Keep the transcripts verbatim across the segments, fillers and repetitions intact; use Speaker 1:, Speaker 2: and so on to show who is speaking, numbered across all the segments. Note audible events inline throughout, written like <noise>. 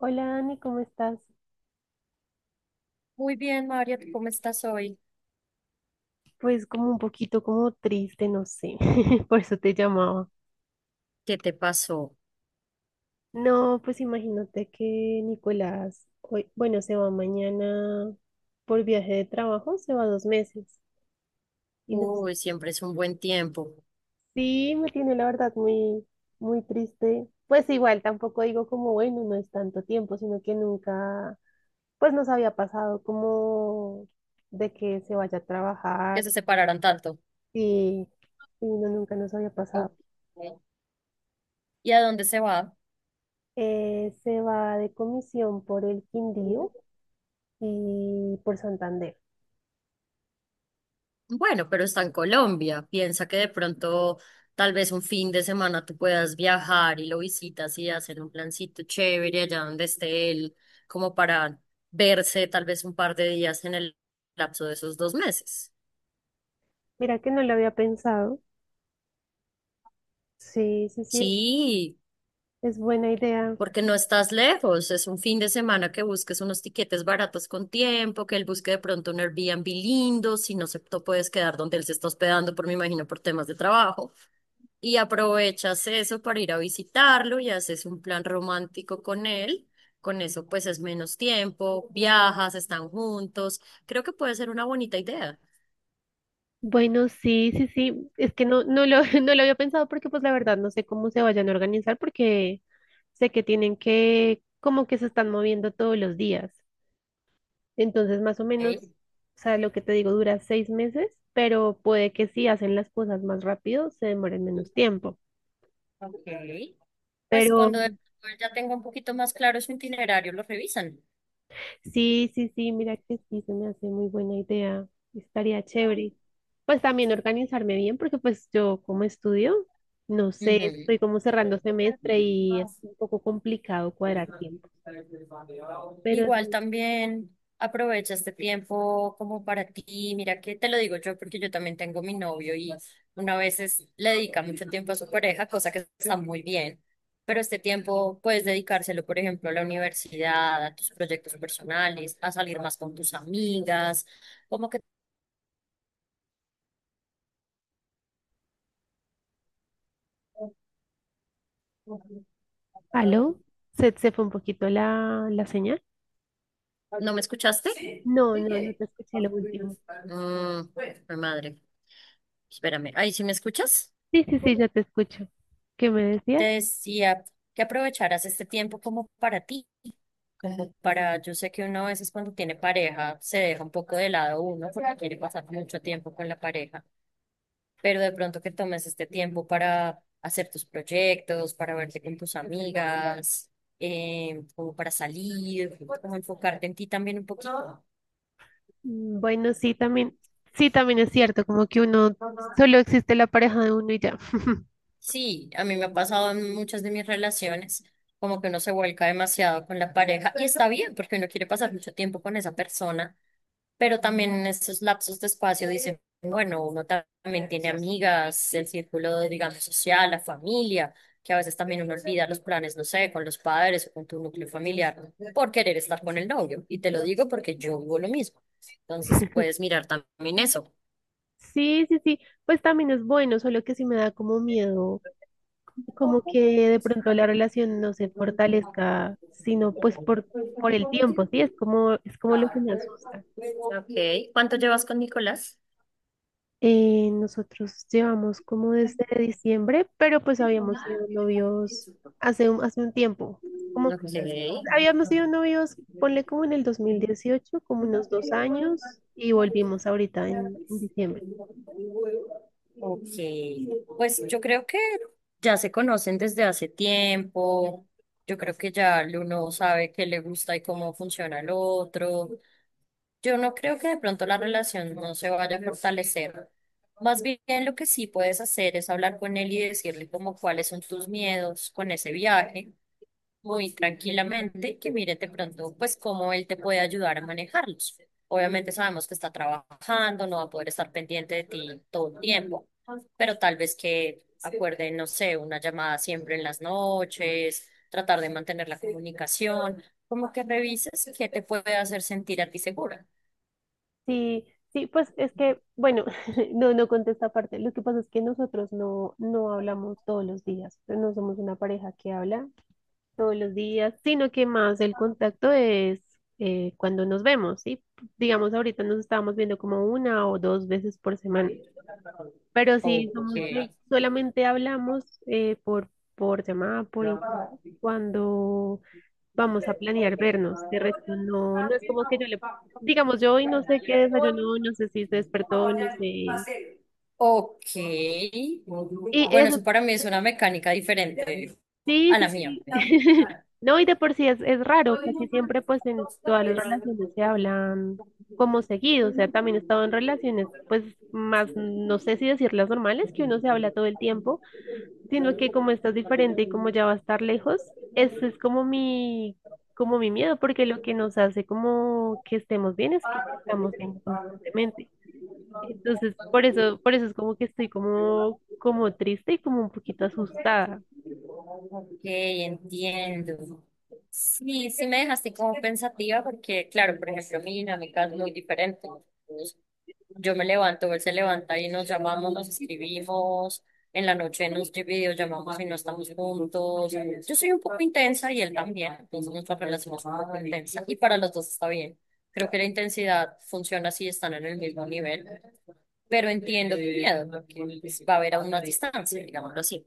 Speaker 1: Hola Dani, ¿cómo estás?
Speaker 2: Muy bien, María, ¿tú cómo estás hoy?
Speaker 1: Pues como un poquito como triste, no sé, <laughs> por eso te llamaba.
Speaker 2: ¿Qué te pasó?
Speaker 1: No, pues imagínate que Nicolás hoy, bueno, se va mañana por viaje de trabajo, se va dos meses. Y no,
Speaker 2: Uy, siempre es un buen tiempo
Speaker 1: sí, me tiene la verdad muy, muy triste. Pues igual tampoco digo como, bueno, no es tanto tiempo, sino que nunca, pues nos había pasado como de que se vaya a
Speaker 2: que
Speaker 1: trabajar
Speaker 2: se separaran tanto.
Speaker 1: y, y no, nunca nos había pasado.
Speaker 2: Ok. ¿Y a dónde se va?
Speaker 1: Eh, se va de comisión por el Quindío y por Santander.
Speaker 2: Bueno, pero está en Colombia. Piensa que de pronto, tal vez un fin de semana tú puedas viajar y lo visitas y hacer un plancito chévere allá donde esté él, como para verse tal vez un par de días en el lapso de esos dos meses.
Speaker 1: Mira que no lo había pensado. Sí, sí, sí,
Speaker 2: Sí,
Speaker 1: es buena idea.
Speaker 2: porque no estás lejos, es un fin de semana que busques unos tiquetes baratos con tiempo, que él busque de pronto un Airbnb lindo, si no se te puedes quedar donde él se está hospedando, por me imagino por temas de trabajo, y aprovechas eso para ir a visitarlo y haces un plan romántico con él. Con eso pues es menos tiempo, viajas, están juntos. Creo que puede ser una bonita idea.
Speaker 1: Bueno, sí, sí, sí, es que no, no lo, <laughs> no lo había pensado porque pues la verdad no sé cómo se vayan a organizar porque sé que tienen que, como que se están moviendo todos los días. Entonces, más o menos,
Speaker 2: Ok,
Speaker 1: o sea, lo que te digo dura seis meses, pero puede que si hacen las cosas más rápido se demoren menos tiempo.
Speaker 2: ok. Pues
Speaker 1: Pero
Speaker 2: cuando de pronto él ya tenga un poquito más claro su itinerario, lo revisan.
Speaker 1: Sí, sí, sí, mira que sí, se me hace muy buena idea. Estaría chévere. Pues también organizarme bien, porque pues yo como estudio, no sé, estoy
Speaker 2: Ujú.
Speaker 1: como cerrando semestre y es un poco complicado cuadrar tiempo. Pero es
Speaker 2: Igual
Speaker 1: muy...
Speaker 2: también aprovecha este tiempo como para ti. Mira que te lo digo yo porque yo también tengo mi novio y una vez es- le dedica mucho tiempo a su pareja, cosa que está muy bien. Pero este tiempo puedes dedicárselo, por ejemplo, a la universidad, a tus proyectos personales, a salir más con tus amigas. ¿Cómo que
Speaker 1: ¿Aló? ¿Se, se fue un poquito la, la señal?
Speaker 2: no me escuchaste?
Speaker 1: No, no, no te escuché lo último.
Speaker 2: Mm, mi madre, espérame. Ay, ¿sí me escuchas?
Speaker 1: Sí, sí, sí, ya te escucho. ¿Qué me
Speaker 2: Te
Speaker 1: decías?
Speaker 2: decía que aprovecharas este tiempo como para ti. Para, yo sé que uno a veces cuando tiene pareja se deja un poco de lado uno porque quiere pasar mucho tiempo con la pareja, pero de pronto que tomes este tiempo para hacer tus proyectos, para verte con tus amigas, eh, como para salir, como enfocarte en ti también un poquito.
Speaker 1: Mm, Bueno, sí, también, sí, también es cierto, como que uno, solo existe la pareja de uno y ya. <laughs>
Speaker 2: Sí, a mí me ha pasado en muchas de mis relaciones, como que uno se vuelca demasiado con la pareja y está bien porque uno quiere pasar mucho tiempo con esa persona. Pero también en esos lapsos de espacio dicen, bueno, uno ta- también tiene amigas, el círculo, digamos, social, la familia, que a veces también uno olvida los planes, no sé, con los padres o con tu núcleo familiar, por querer estar con el novio. Y te lo digo porque yo vivo lo mismo. Entonces, puedes mirar también eso.
Speaker 1: Sí, sí, sí, pues también es bueno, solo que sí me da como miedo, como que de pronto la relación no se fortalezca, sino pues por, por, el tiempo, sí, es como, es como lo que me asusta.
Speaker 2: Ok, ¿cuánto llevas con Nicolás?
Speaker 1: Eh, nosotros llevamos como desde diciembre, pero pues habíamos sido novios hace un, hace un tiempo. Como
Speaker 2: Ok.
Speaker 1: habíamos sido novios, ponle como en el dos mil dieciocho, como unos dos años, y volvimos ahorita en, en diciembre.
Speaker 2: Pues yo creo que ya se conocen desde hace tiempo. Yo creo que ya el uno sabe qué le gusta y cómo funciona el otro. Yo no creo que de pronto la relación no se vaya a fortalecer. Más bien lo que sí puedes hacer es hablar con él y decirle como cuáles son tus miedos con ese viaje, muy tranquilamente, y que mire de pronto pues cómo él te puede ayudar a manejarlos. Obviamente sabemos que está trabajando, no va a poder estar pendiente de ti todo el tiempo, pero tal vez que acuerden, no sé, una llamada siempre en las noches, tratar de mantener la comunicación, como que revises qué te puede hacer sentir a ti segura.
Speaker 1: Sí, sí, pues es que, bueno, <laughs> no, no conté esta parte. Lo que pasa es que nosotros no, no hablamos todos los días. No somos una pareja que habla todos los días, sino que más el contacto es eh, cuando nos vemos, ¿sí? Digamos, ahorita nos estábamos viendo como una o dos veces por semana, pero si
Speaker 2: Ok.
Speaker 1: somos de- solamente hablamos eh, por, por llamada, por internet, cuando vamos a planear vernos, de resto no, no es como que yo le, digamos, yo hoy no sé qué desayunó, no sé si se despertó, no sé. Y
Speaker 2: Ok. Bueno,
Speaker 1: eso.
Speaker 2: eso para mí es una mecánica diferente
Speaker 1: Sí,
Speaker 2: a la
Speaker 1: sí,
Speaker 2: mía.
Speaker 1: sí. <laughs> No, y de por sí es, es raro, casi siempre pues en todas las relaciones se hablan como seguido, o sea, también he estado en relaciones pues más, no sé si decirlas normales, que uno se habla todo el tiempo, sino que como estás diferente y como ya va a estar lejos, ese es como mi, como mi miedo, porque lo que nos hace como que estemos bien es que estamos bien constantemente. Entonces, por eso, por eso es como que estoy como, como triste y como un poquito asustada.
Speaker 2: Ok, entiendo. Sí, sí me dejaste como pensativa porque, claro, por ejemplo, mi dinámica es muy diferente. Yo me levanto, él se levanta y nos llamamos, nos escribimos, en la noche nos videollamamos y no estamos juntos. Yo soy un poco intensa y él también, entonces nuestra relación es un poco intensa y para los dos está bien. Creo que la intensidad funciona si están en el mismo nivel, pero entiendo tu miedo, porque pues, va a haber a una distancia, digámoslo así.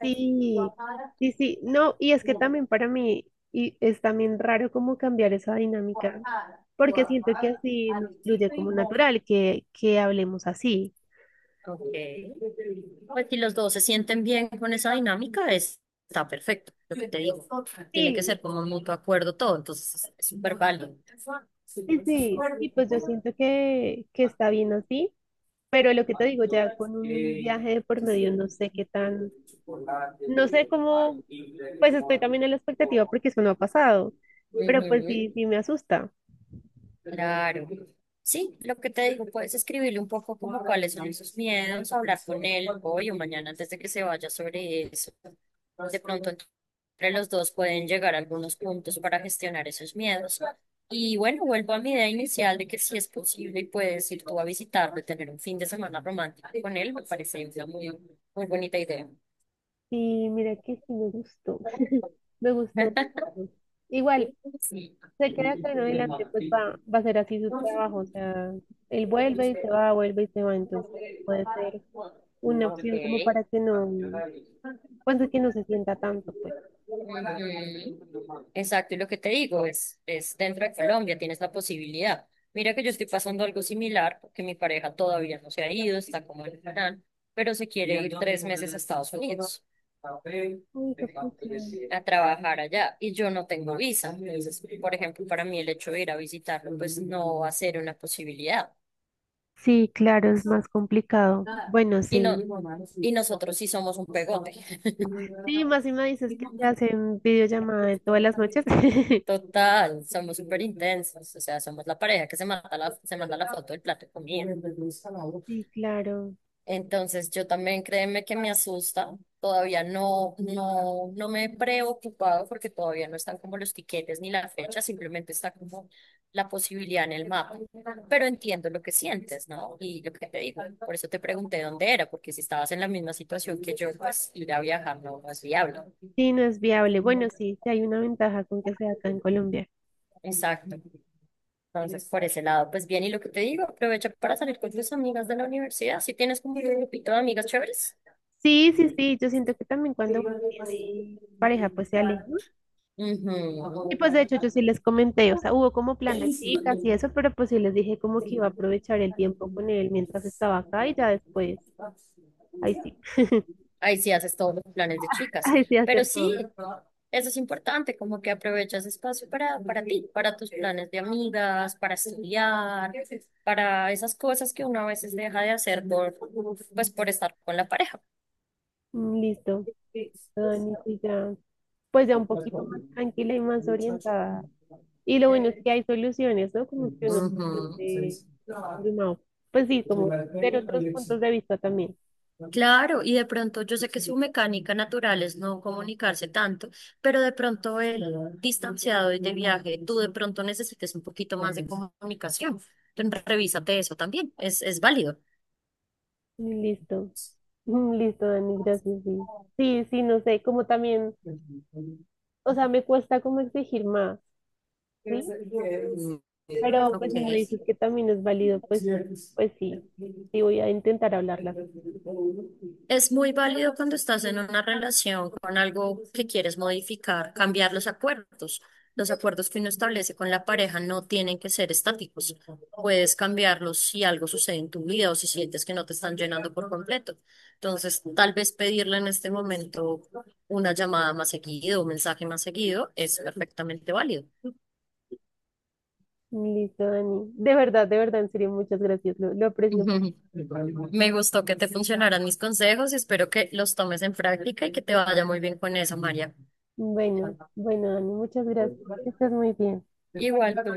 Speaker 1: Sí, sí, sí, no, y es que también para mí y es también raro como cambiar esa dinámica, porque siento que así nos fluye como natural, que, que hablemos así.
Speaker 2: Okay. Pues si los dos se sienten bien con esa dinámica, es- está perfecto, lo que te digo. Tiene que
Speaker 1: Sí,
Speaker 2: ser como un mutuo acuerdo todo, entonces es súper válido.
Speaker 1: sí, sí, sí, pues yo siento que, que está bien así, pero lo que te digo, ya con un viaje de por medio, no sé qué tan, no sé cómo. Pues estoy también en la expectativa porque eso no ha pasado, pero pues sí, sí me asusta.
Speaker 2: Claro. Sí, lo que te digo, puedes escribirle un poco como cuáles son sus miedos, hablar con él hoy o mañana antes de que se vaya sobre eso. De pronto entre los dos pueden llegar a algunos puntos para gestionar esos miedos. Y bueno, vuelvo a mi idea inicial de que si es posible y puedes ir tú a visitarlo y tener un fin de semana romántico con él, me parece una muy, muy bonita idea.
Speaker 1: Y mira que sí me gustó, <laughs> me gustó
Speaker 2: <laughs>
Speaker 1: mucho. Igual,
Speaker 2: Sí.
Speaker 1: se queda acá en adelante, pues va, va a ser así su trabajo, o sea, él vuelve y se va, vuelve y se va, entonces puede ser una opción como para que no,
Speaker 2: Ok.
Speaker 1: pues de que no se sienta tanto, pues.
Speaker 2: Ujú. Exacto, y lo que te digo es, es dentro de Colombia tienes la posibilidad. Mira que yo estoy pasando algo similar, porque mi pareja todavía no se ha ido, está como en plan, pero se quiere ir tres meses a Estados Unidos
Speaker 1: Uy, juepucha.
Speaker 2: a trabajar allá y yo no tengo visa. Entonces, por ejemplo, para mí el hecho de ir a visitarlo, pues no va a ser una posibilidad.
Speaker 1: Sí, claro, es más complicado. Bueno,
Speaker 2: Y, no,
Speaker 1: sí.
Speaker 2: y nosotros sí somos un pegote.
Speaker 1: Sí, más si me dices que te hacen videollamada de todas las noches. <laughs>
Speaker 2: Total, somos súper intensos, o sea, somos la pareja que se mata la, se manda la foto del plato de comida.
Speaker 1: Sí, claro.
Speaker 2: Entonces, yo también créeme que me asusta, todavía no, no, no me he preocupado porque todavía no están como los tiquetes ni la fecha, simplemente está como la posibilidad en el mapa. Pero entiendo lo que sientes, ¿no? Y lo que te digo, por eso te pregunté dónde era, porque si estabas en la misma situación que yo, pues ir a viajar no no es viable.
Speaker 1: Sí, no es viable. Bueno, sí, sí hay una ventaja con que sea acá en Colombia.
Speaker 2: Exacto. Entonces, por ese lado, pues bien, y lo que te digo, aprovecha para salir con tus amigas de la universidad, si tienes como un grupito de amigas chéveres.
Speaker 1: Sí, sí, sí, yo siento que también cuando uno tiene pareja, pues se aleja, ¿no? Y
Speaker 2: Ujú.
Speaker 1: pues de hecho yo sí les comenté, o sea, hubo como plan de chicas y eso, pero pues sí les dije como que iba a aprovechar el tiempo con él mientras estaba acá y ya después, ahí sí,
Speaker 2: Ahí sí haces todos los planes de
Speaker 1: <laughs>
Speaker 2: chicas,
Speaker 1: ahí sí
Speaker 2: pero
Speaker 1: hacer
Speaker 2: sí,
Speaker 1: todo.
Speaker 2: eso es importante, como que aprovechas espacio para, para ti, para tus planes de amigas, para estudiar, para esas cosas que uno a veces deja de hacer por, pues, por estar con la pareja.
Speaker 1: Mm, Listo, Dani, sí, ya. Pues ya un poquito más tranquila y más orientada. Y lo bueno es que hay soluciones, ¿no? Como que uno se
Speaker 2: Ujú.
Speaker 1: siente abrumado. Pues sí, como ver otros puntos de vista también.
Speaker 2: Claro, y de pronto yo sé que su mecánica natural es no comunicarse tanto, pero de pronto el distanciado y de viaje, tú de pronto necesites un poquito más de comunicación. Entonces, revísate eso también, es, es válido.
Speaker 1: Y Listo, <laughs> Mm, listo, Dani, gracias, sí. Sí, sí, no sé, como también, o sea, me cuesta como exigir más, ¿sí? Pero pues
Speaker 2: Ok.
Speaker 1: si me dices que también es válido, pues, pues sí, sí voy a intentar hablarla.
Speaker 2: Es muy válido cuando estás en una relación con algo que quieres modificar, cambiar los acuerdos. Los acuerdos que uno establece con la pareja no tienen que ser estáticos. Puedes cambiarlos si algo sucede en tu vida o si sientes que no te están llenando por completo. Entonces, tal vez pedirle en este momento una llamada más seguido, un mensaje más seguido, es perfectamente válido. <laughs>
Speaker 1: Listo, Dani. De verdad, de verdad, en serio, muchas gracias, lo, lo aprecio mucho.
Speaker 2: Ujú. Me gustó que te funcionaran mis consejos y espero que los tomes en práctica y que te vaya muy bien con eso, María.
Speaker 1: Bueno, bueno, Dani, muchas gracias. Estás muy bien.
Speaker 2: Igual tú.